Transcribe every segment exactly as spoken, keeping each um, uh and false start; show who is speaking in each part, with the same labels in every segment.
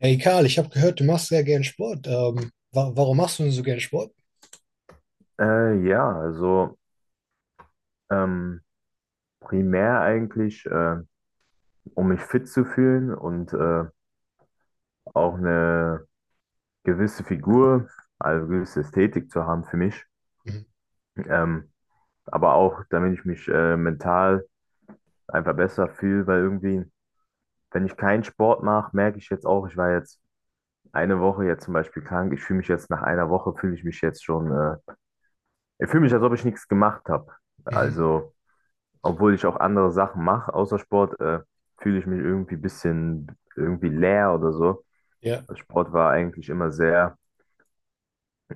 Speaker 1: Hey Karl, ich habe gehört, du machst sehr gern Sport. Ähm, wa warum machst du denn so gern Sport?
Speaker 2: Äh, ja, also ähm, primär eigentlich, äh, um mich fit zu fühlen und äh, auch eine gewisse Figur, also gewisse Ästhetik zu haben für mich.
Speaker 1: Mhm.
Speaker 2: Ähm, aber auch, damit ich mich äh, mental einfach besser fühle, weil irgendwie, wenn ich keinen Sport mache, merke ich jetzt auch, ich war jetzt eine Woche jetzt zum Beispiel krank. Ich fühle mich jetzt nach einer Woche, fühle ich mich jetzt schon, äh, ich fühle mich, als ob ich nichts gemacht habe.
Speaker 1: Mhm.
Speaker 2: Also. obwohl ich auch andere Sachen mache außer Sport, äh, fühle ich mich irgendwie ein bisschen irgendwie leer oder so.
Speaker 1: Ja.
Speaker 2: Also Sport war eigentlich immer sehr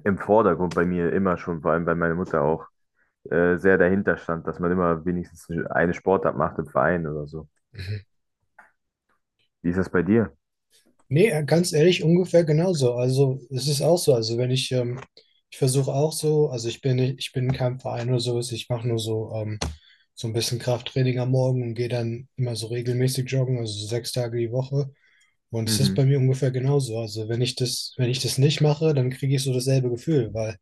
Speaker 2: im Vordergrund bei mir, immer schon, vor allem weil meine Mutter auch äh, sehr dahinter stand, dass man immer wenigstens eine Sportart macht im Verein oder so.
Speaker 1: Mhm.
Speaker 2: Wie ist das bei dir?
Speaker 1: Nee, äh, ganz ehrlich, ungefähr genauso. Also es ist auch so. Also wenn ich, ähm, ich versuche auch so, also ich bin nicht, ich bin in keinem Verein oder sowas, ich mache nur so, ähm, so ein bisschen Krafttraining am Morgen und gehe dann immer so regelmäßig joggen, also so sechs Tage die Woche. Und es ist bei
Speaker 2: Mhm.
Speaker 1: mir ungefähr genauso. Also wenn ich das, wenn ich das nicht mache, dann kriege ich so dasselbe Gefühl, weil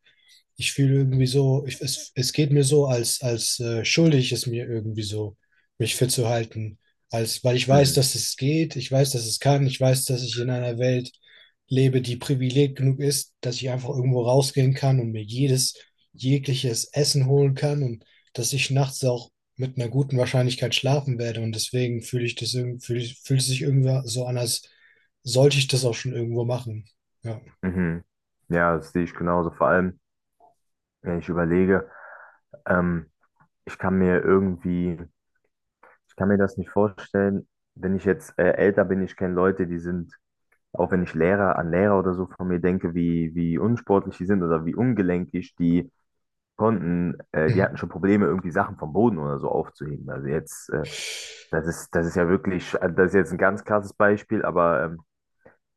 Speaker 1: ich fühle irgendwie so, ich, es, es geht mir so, als, als äh, schuldig ist mir irgendwie so, mich fit zu halten. Als, weil ich weiß,
Speaker 2: Mhm.
Speaker 1: dass es geht, ich weiß, dass es kann, ich weiß, dass ich in einer Welt lebe, die privilegiert genug ist, dass ich einfach irgendwo rausgehen kann und mir jedes, jegliches Essen holen kann und dass ich nachts auch mit einer guten Wahrscheinlichkeit schlafen werde. Und deswegen fühle ich das irgendwie, fühl, fühlt es sich irgendwie so an, als sollte ich das auch schon irgendwo machen. Ja,
Speaker 2: Mhm. Ja, das sehe ich genauso. Vor allem, wenn ich überlege, ähm, ich kann mir irgendwie, ich kann mir das nicht vorstellen, wenn ich jetzt äh, älter bin. Ich kenne Leute, die sind. Auch wenn ich Lehrer an Lehrer oder so von mir denke, wie, wie unsportlich die sind oder wie ungelenkig, die konnten, äh, die
Speaker 1: Mhm.
Speaker 2: hatten schon Probleme, irgendwie Sachen vom Boden oder so aufzuheben. Also jetzt, äh, das ist, das ist ja wirklich, also das ist jetzt ein ganz krasses Beispiel, aber ähm,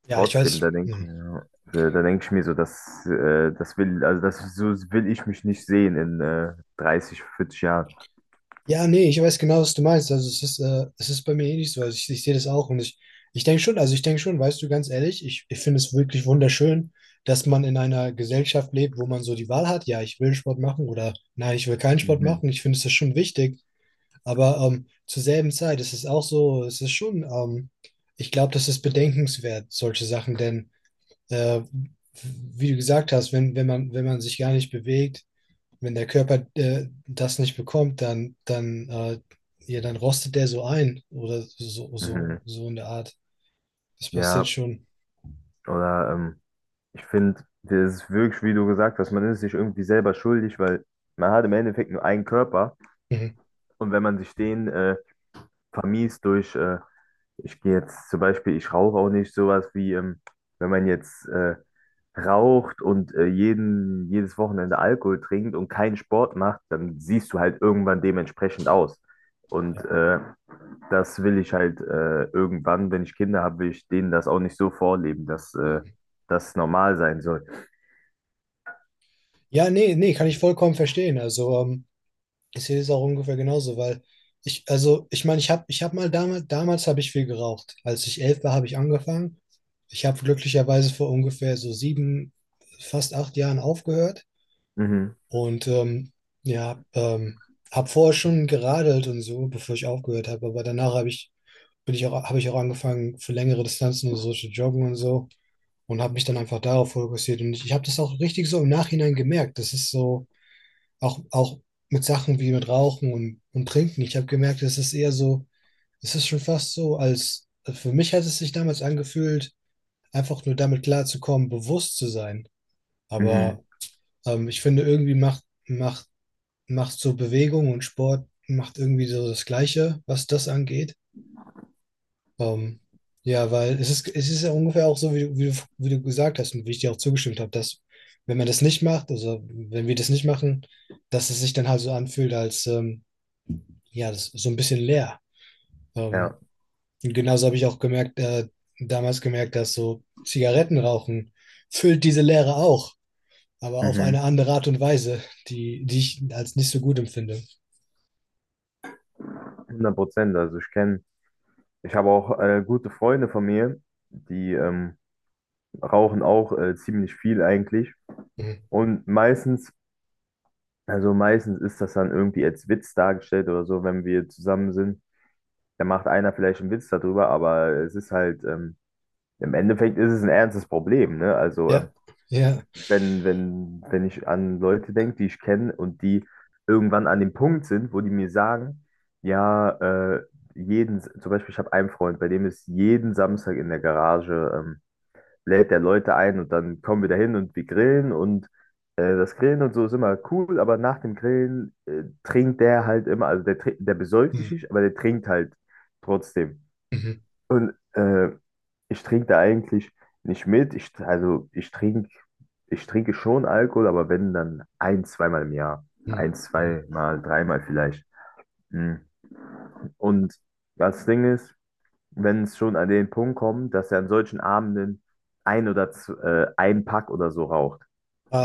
Speaker 1: Ja, ich
Speaker 2: trotzdem,
Speaker 1: weiß.
Speaker 2: da denke ich
Speaker 1: Hm.
Speaker 2: mir, äh, da denke ich mir so, das, äh, das will, also das so will ich mich nicht sehen in äh, dreißig, vierzig Jahren.
Speaker 1: Ja, nee, ich weiß genau, was du meinst. Also es ist, äh, es ist bei mir ähnlich so. Also ich, ich sehe das auch und ich, ich denke schon, also ich denke schon, weißt du, ganz ehrlich, ich, ich finde es wirklich wunderschön, dass man in einer Gesellschaft lebt, wo man so die Wahl hat, ja, ich will Sport machen oder nein, ich will keinen Sport
Speaker 2: Mhm.
Speaker 1: machen. Ich finde, es ist schon wichtig. Aber ähm, zur selben Zeit ist es auch so, es ist schon, ähm, ich glaube, das ist bedenkenswert, solche Sachen, denn äh, wie du gesagt hast, wenn, wenn man, wenn man sich gar nicht bewegt, wenn der Körper äh, das nicht bekommt, dann, dann, äh, ja, dann rostet der so ein oder so, so,
Speaker 2: Mhm.
Speaker 1: so in der Art. Das passiert
Speaker 2: Ja,
Speaker 1: schon.
Speaker 2: oder ähm, Ich finde, das ist wirklich, wie du gesagt hast, man ist sich irgendwie selber schuldig, weil man hat im Endeffekt nur einen Körper
Speaker 1: Mhm.
Speaker 2: und wenn man sich den äh, vermiest durch, äh, ich gehe jetzt zum Beispiel, ich rauche auch nicht sowas wie, ähm, wenn man jetzt äh, raucht und äh, jeden, jedes Wochenende Alkohol trinkt und keinen Sport macht, dann siehst du halt irgendwann dementsprechend aus. Und
Speaker 1: Ja.
Speaker 2: äh, das will ich halt äh, irgendwann, wenn ich Kinder habe, will ich denen das auch nicht so vorleben, dass äh, das normal sein soll.
Speaker 1: Ja, nee, nee, kann ich vollkommen verstehen. Also, ähm, ich sehe das auch ungefähr genauso, weil ich, also, ich meine, ich habe, ich habe mal damals, damals habe ich viel geraucht. Als ich elf war, habe ich angefangen. Ich habe glücklicherweise vor ungefähr so sieben, fast acht Jahren aufgehört.
Speaker 2: Mhm.
Speaker 1: Und ähm, ja, ähm, habe vorher schon geradelt und so, bevor ich aufgehört habe. Aber danach habe ich, bin ich auch, habe ich auch angefangen, für längere Distanzen und so zu joggen und so. Und habe mich dann einfach darauf fokussiert. Und ich, ich habe das auch richtig so im Nachhinein gemerkt. Das ist so, auch, auch mit Sachen wie mit Rauchen und, und Trinken. Ich habe gemerkt, es ist eher so, es ist schon fast so, als für mich hat es sich damals angefühlt, einfach nur damit klarzukommen, bewusst zu sein.
Speaker 2: Mhm.
Speaker 1: Aber ähm, ich finde, irgendwie macht, macht macht so Bewegung, und Sport macht irgendwie so das Gleiche, was das angeht. Ähm, ja, weil es ist, es ist ja ungefähr auch so, wie, du- wie, du- wie du gesagt hast und wie ich dir auch zugestimmt habe, dass wenn man das nicht macht, also wenn wir das nicht machen, dass es sich dann halt so anfühlt, als ähm, ja, das ist so ein bisschen leer. Ähm,
Speaker 2: Ja,
Speaker 1: und genauso habe ich auch gemerkt, äh, damals gemerkt, dass so Zigarettenrauchen füllt diese Leere auch, aber auf
Speaker 2: mhm.
Speaker 1: eine andere Art und Weise, die, die ich als nicht so gut empfinde.
Speaker 2: hundert Prozent. Also ich kenne, ich habe auch äh, gute Freunde von mir, die ähm, rauchen auch äh, ziemlich viel eigentlich.
Speaker 1: Mhm.
Speaker 2: Und meistens, also meistens ist das dann irgendwie als Witz dargestellt oder so, wenn wir zusammen sind. Da macht einer vielleicht einen Witz darüber, aber es ist halt, ähm, im Endeffekt ist es ein ernstes Problem, ne? Also ähm,
Speaker 1: Ja, ja.
Speaker 2: wenn, wenn, wenn ich an Leute denke, die ich kenne und die irgendwann an dem Punkt sind, wo die mir sagen, ja, äh, jeden, zum Beispiel, ich habe einen Freund, bei dem ist jeden Samstag in der Garage, ähm, lädt der Leute ein und dann kommen wir dahin und wir grillen und äh, das Grillen und so ist immer cool, aber nach dem Grillen äh, trinkt der halt immer, also der, trin- der besäuft sich
Speaker 1: Mhm.
Speaker 2: nicht, aber der trinkt halt trotzdem.
Speaker 1: Mhm.
Speaker 2: Und äh, ich trinke da eigentlich nicht mit. Ich, also ich trinke, ich trinke schon Alkohol, aber wenn, dann ein, zweimal im Jahr.
Speaker 1: Mhm.
Speaker 2: Ein,
Speaker 1: Mhm.
Speaker 2: zweimal, dreimal vielleicht. Hm. Und das Ding ist, wenn es schon an den Punkt kommt, dass er an solchen Abenden ein oder z- äh, ein Pack oder so raucht.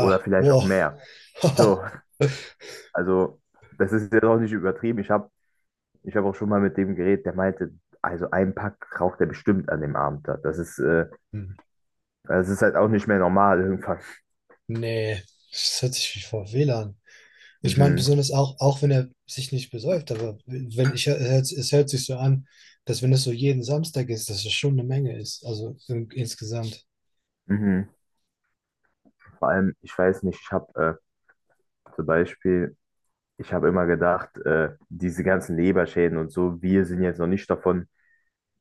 Speaker 2: Oder vielleicht auch
Speaker 1: wow.
Speaker 2: mehr. So, also das ist jetzt auch nicht übertrieben. Ich habe ich hab auch schon mal mit dem geredet, der meinte, also ein Pack raucht er bestimmt an dem Abend. da. Das ist, äh,
Speaker 1: Mhm.
Speaker 2: das ist halt auch nicht mehr normal irgendwann.
Speaker 1: Nee, das hört sich wie vor we lan. Ich meine,
Speaker 2: Mhm,
Speaker 1: besonders auch, auch wenn er sich nicht besäuft, aber wenn ich, es hört, es hört sich so an, dass wenn es so jeden Samstag ist, dass es schon eine Menge ist. Also in, insgesamt.
Speaker 2: mhm. Vor allem, ich weiß nicht, ich habe äh, zum Beispiel, ich habe immer gedacht, äh, diese ganzen Leberschäden und so, wir sind jetzt noch nicht davon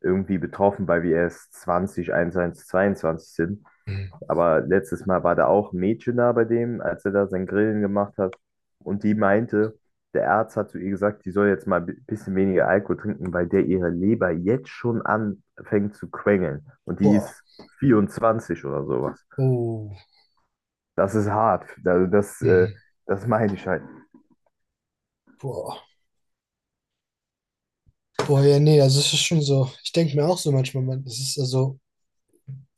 Speaker 2: irgendwie betroffen, weil wir erst zwanzig einundzwanzig zweiundzwanzig sind.
Speaker 1: Mhm.
Speaker 2: Aber letztes Mal war da auch ein Mädchen da bei dem, als er da sein Grillen gemacht hat. Und die meinte, der Arzt hat zu ihr gesagt, die soll jetzt mal ein bisschen weniger Alkohol trinken, weil der ihre Leber jetzt schon anfängt zu quengeln. Und die
Speaker 1: Boah.
Speaker 2: ist vierundzwanzig oder sowas.
Speaker 1: Oh.
Speaker 2: Das ist hart. Also das, äh,
Speaker 1: Mhm.
Speaker 2: das meine ich halt.
Speaker 1: Boah. Boah, ja, nee, also es ist schon so. Ich denke mir auch so manchmal, man, es ist also,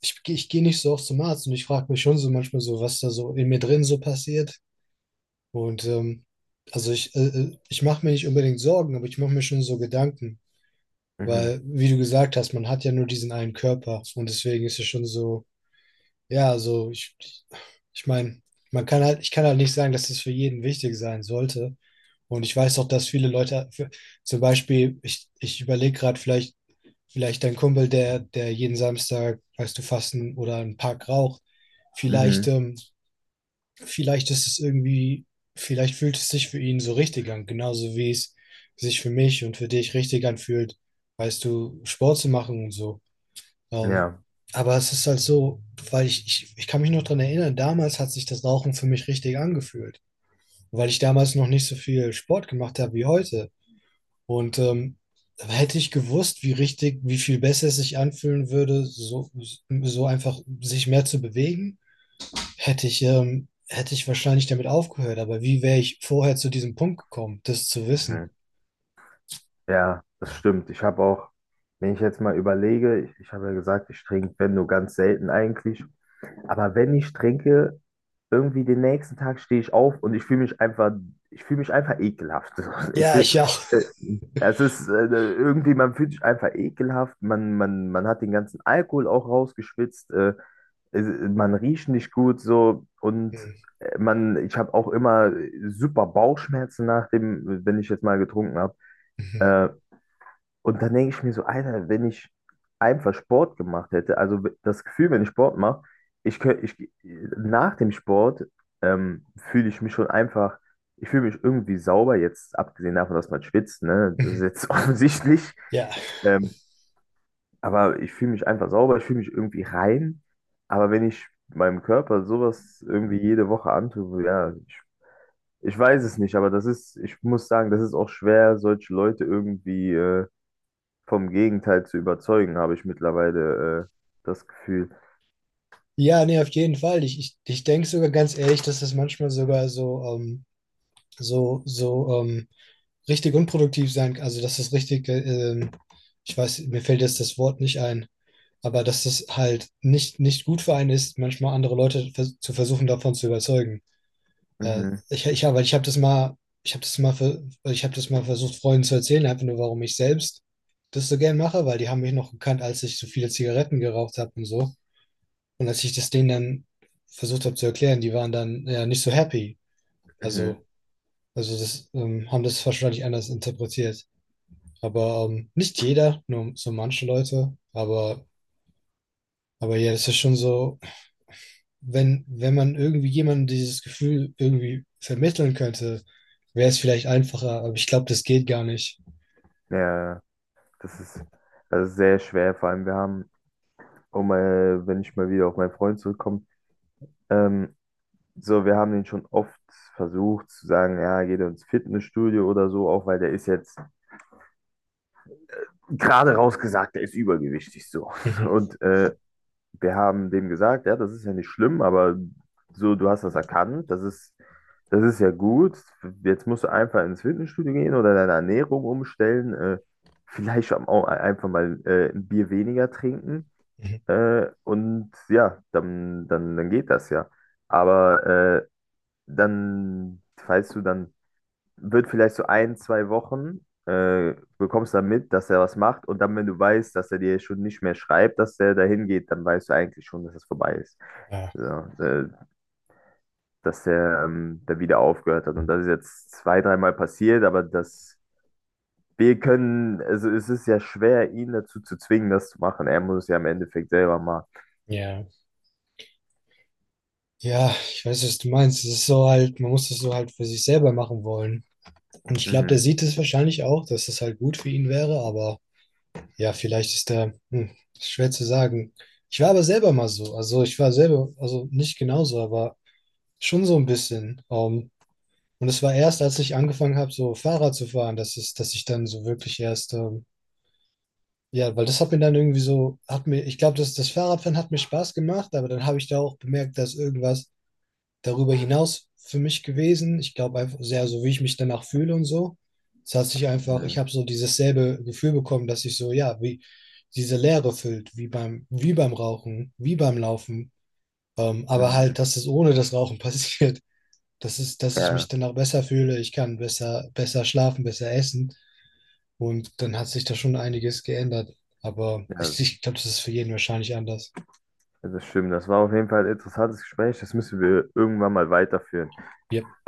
Speaker 1: ich, geh- ich gehe nicht so oft zum Arzt und ich frage mich schon so manchmal so, was da so in mir drin so passiert. Und ähm, also ich, äh, äh, ich mache mir nicht unbedingt Sorgen, aber ich mache mir schon so Gedanken, weil,
Speaker 2: Mhm.
Speaker 1: wie du gesagt hast, man hat ja nur diesen einen Körper, und deswegen ist es schon so, ja, so ich, ich meine, man kann halt, ich kann halt nicht sagen, dass es für jeden wichtig sein sollte. Und ich weiß auch, dass viele Leute, für, zum Beispiel, ich, ich überlege gerade vielleicht, vielleicht dein Kumpel, der, der jeden Samstag, weißt du, fasten oder einen Pack raucht, vielleicht
Speaker 2: Mhm.
Speaker 1: ähm, vielleicht ist es irgendwie, vielleicht fühlt es sich für ihn so richtig an, genauso wie es sich für mich und für dich richtig anfühlt, weißt du, Sport zu machen und so. Ähm,
Speaker 2: Ja.
Speaker 1: aber es ist halt so, weil ich, ich, ich kann mich noch dran erinnern, damals hat sich das Rauchen für mich richtig angefühlt, weil ich damals noch nicht so viel Sport gemacht habe wie heute. Und ähm, hätte ich gewusst, wie richtig, wie viel besser es sich anfühlen würde, so, so einfach sich mehr zu bewegen, hätte ich, ähm, hätte ich wahrscheinlich damit aufgehört, aber wie wäre ich vorher zu diesem Punkt gekommen, das zu wissen?
Speaker 2: Mhm. Ja, das stimmt. Ich habe auch, wenn ich jetzt mal überlege, ich, ich habe ja gesagt, ich trinke, wenn nur ganz selten eigentlich. Aber wenn ich trinke, irgendwie den nächsten Tag stehe ich auf und ich fühle mich einfach, ich fühle mich einfach ekelhaft. Ich
Speaker 1: Ja,
Speaker 2: fühl,
Speaker 1: ich auch.
Speaker 2: äh, es ist äh, irgendwie, Man fühlt sich einfach ekelhaft, man, man, man hat den ganzen Alkohol auch rausgeschwitzt, äh, es- man riecht nicht gut so und
Speaker 1: Hm,
Speaker 2: äh, man, ich habe auch immer super Bauchschmerzen nach dem, wenn ich jetzt mal getrunken habe.
Speaker 1: mhm,
Speaker 2: Äh, und dann denke ich mir so, Alter, wenn ich einfach Sport gemacht hätte, also das Gefühl, wenn ich Sport mache, ich könnte, ich, nach dem Sport ähm, fühle ich mich schon einfach, ich fühle mich irgendwie sauber, jetzt abgesehen davon, dass man schwitzt, ne? Das ist
Speaker 1: mhm.
Speaker 2: jetzt offensichtlich.
Speaker 1: Ja.
Speaker 2: Ähm, aber ich fühle mich einfach sauber, ich fühle mich irgendwie rein. Aber wenn ich meinem Körper sowas irgendwie jede Woche antue, so, ja, ich, ich weiß es nicht, aber das ist, ich muss sagen, das ist auch schwer, solche Leute irgendwie äh, vom Gegenteil zu überzeugen, habe ich mittlerweile äh, das Gefühl.
Speaker 1: Ja, nee, auf jeden Fall. Ich, ich, ich denke sogar ganz ehrlich, dass das manchmal sogar so, ähm, so, so ähm, richtig unproduktiv sein kann. Also, dass das richtig, äh, ähm, ich weiß, mir fällt jetzt das Wort nicht ein, aber dass das halt nicht, nicht gut für einen ist, manchmal andere Leute vers zu versuchen, davon zu überzeugen. Äh,
Speaker 2: Mhm,
Speaker 1: ich, ich, habe weil ich habe das mal, ich habe das mal, ver- ich habe das mal versucht, Freunden zu erzählen, einfach nur, warum ich selbst das so gern mache, weil die haben mich noch gekannt, als ich so viele Zigaretten geraucht habe und so. Und als ich das denen dann versucht habe zu erklären, die waren dann ja nicht so happy.
Speaker 2: mhm.
Speaker 1: Also, also das ähm, haben das wahrscheinlich anders interpretiert. Aber ähm, nicht jeder, nur so manche Leute. Aber, aber ja, das ist schon so. wenn, wenn man irgendwie jemandem dieses Gefühl irgendwie vermitteln könnte, wäre es vielleicht einfacher, aber ich glaube, das geht gar nicht.
Speaker 2: Ja, das ist, das sehr schwer. Vor allem, wir haben, um, äh, wenn ich mal wieder auf meinen Freund zurückkomme, ähm, so, wir haben den schon oft versucht zu sagen, ja, geht ins Fitnessstudio oder so, auch weil der ist jetzt gerade rausgesagt, der ist übergewichtig so.
Speaker 1: Mhm.
Speaker 2: Und äh, wir haben dem gesagt, ja, das ist ja nicht schlimm, aber so, du hast das erkannt, das ist, das ist ja gut. Jetzt musst du einfach ins Fitnessstudio gehen oder deine Ernährung umstellen, äh, vielleicht auch einfach mal äh, ein Bier weniger trinken.
Speaker 1: Mhm.
Speaker 2: Äh, und ja, dann, dann, dann geht das ja. Aber äh, dann, weißt du, dann wird vielleicht so ein, zwei Wochen, äh, bekommst dann mit, dass er was macht und dann, wenn du weißt, dass er dir schon nicht mehr schreibt, dass er dahin geht, dann weißt du eigentlich schon, dass es vorbei ist.
Speaker 1: Ah,
Speaker 2: Ja, äh, dass er ähm, da wieder aufgehört hat und das ist jetzt zwei, dreimal passiert, aber das, wir können, also es ist ja schwer, ihn dazu zu zwingen, das zu machen. Er muss es ja im Endeffekt selber machen.
Speaker 1: ja. Ja, ich weiß, was du meinst. Es ist so halt, man muss das so halt für sich selber machen wollen. Und ich glaube, der
Speaker 2: Mhm,
Speaker 1: sieht es wahrscheinlich auch, dass das halt gut für ihn wäre, aber ja, vielleicht ist der, hm, ist schwer zu sagen. Ich war aber selber mal so. Also ich war selber, also nicht genauso, aber schon so ein bisschen. Ähm, und es war erst, als ich angefangen habe, so Fahrrad zu fahren, dass es, dass ich dann so wirklich erst, ähm, ja, weil das hat mir dann irgendwie so, hat mir, ich glaube, das, das Fahrradfahren hat mir Spaß gemacht, aber dann habe ich da auch bemerkt, dass irgendwas darüber hinaus für mich gewesen. Ich glaube einfach sehr, so wie ich mich danach fühle und so. Es hat sich einfach, ich
Speaker 2: mhm,
Speaker 1: habe so dieses selbe Gefühl bekommen, dass ich so, ja, wie diese Leere füllt, wie beim, wie beim Rauchen, wie beim Laufen. Ähm, aber
Speaker 2: mhm.
Speaker 1: halt, dass es ohne das Rauchen passiert, das ist, dass ich mich
Speaker 2: Ja,
Speaker 1: danach besser fühle, ich kann besser, besser schlafen, besser essen. Und dann hat sich da schon einiges geändert. Aber ich,
Speaker 2: ja,
Speaker 1: ich glaube, das ist für jeden wahrscheinlich anders.
Speaker 2: das stimmt. Das war auf jeden Fall ein interessantes Gespräch. Das müssen wir irgendwann mal weiterführen.
Speaker 1: Wie,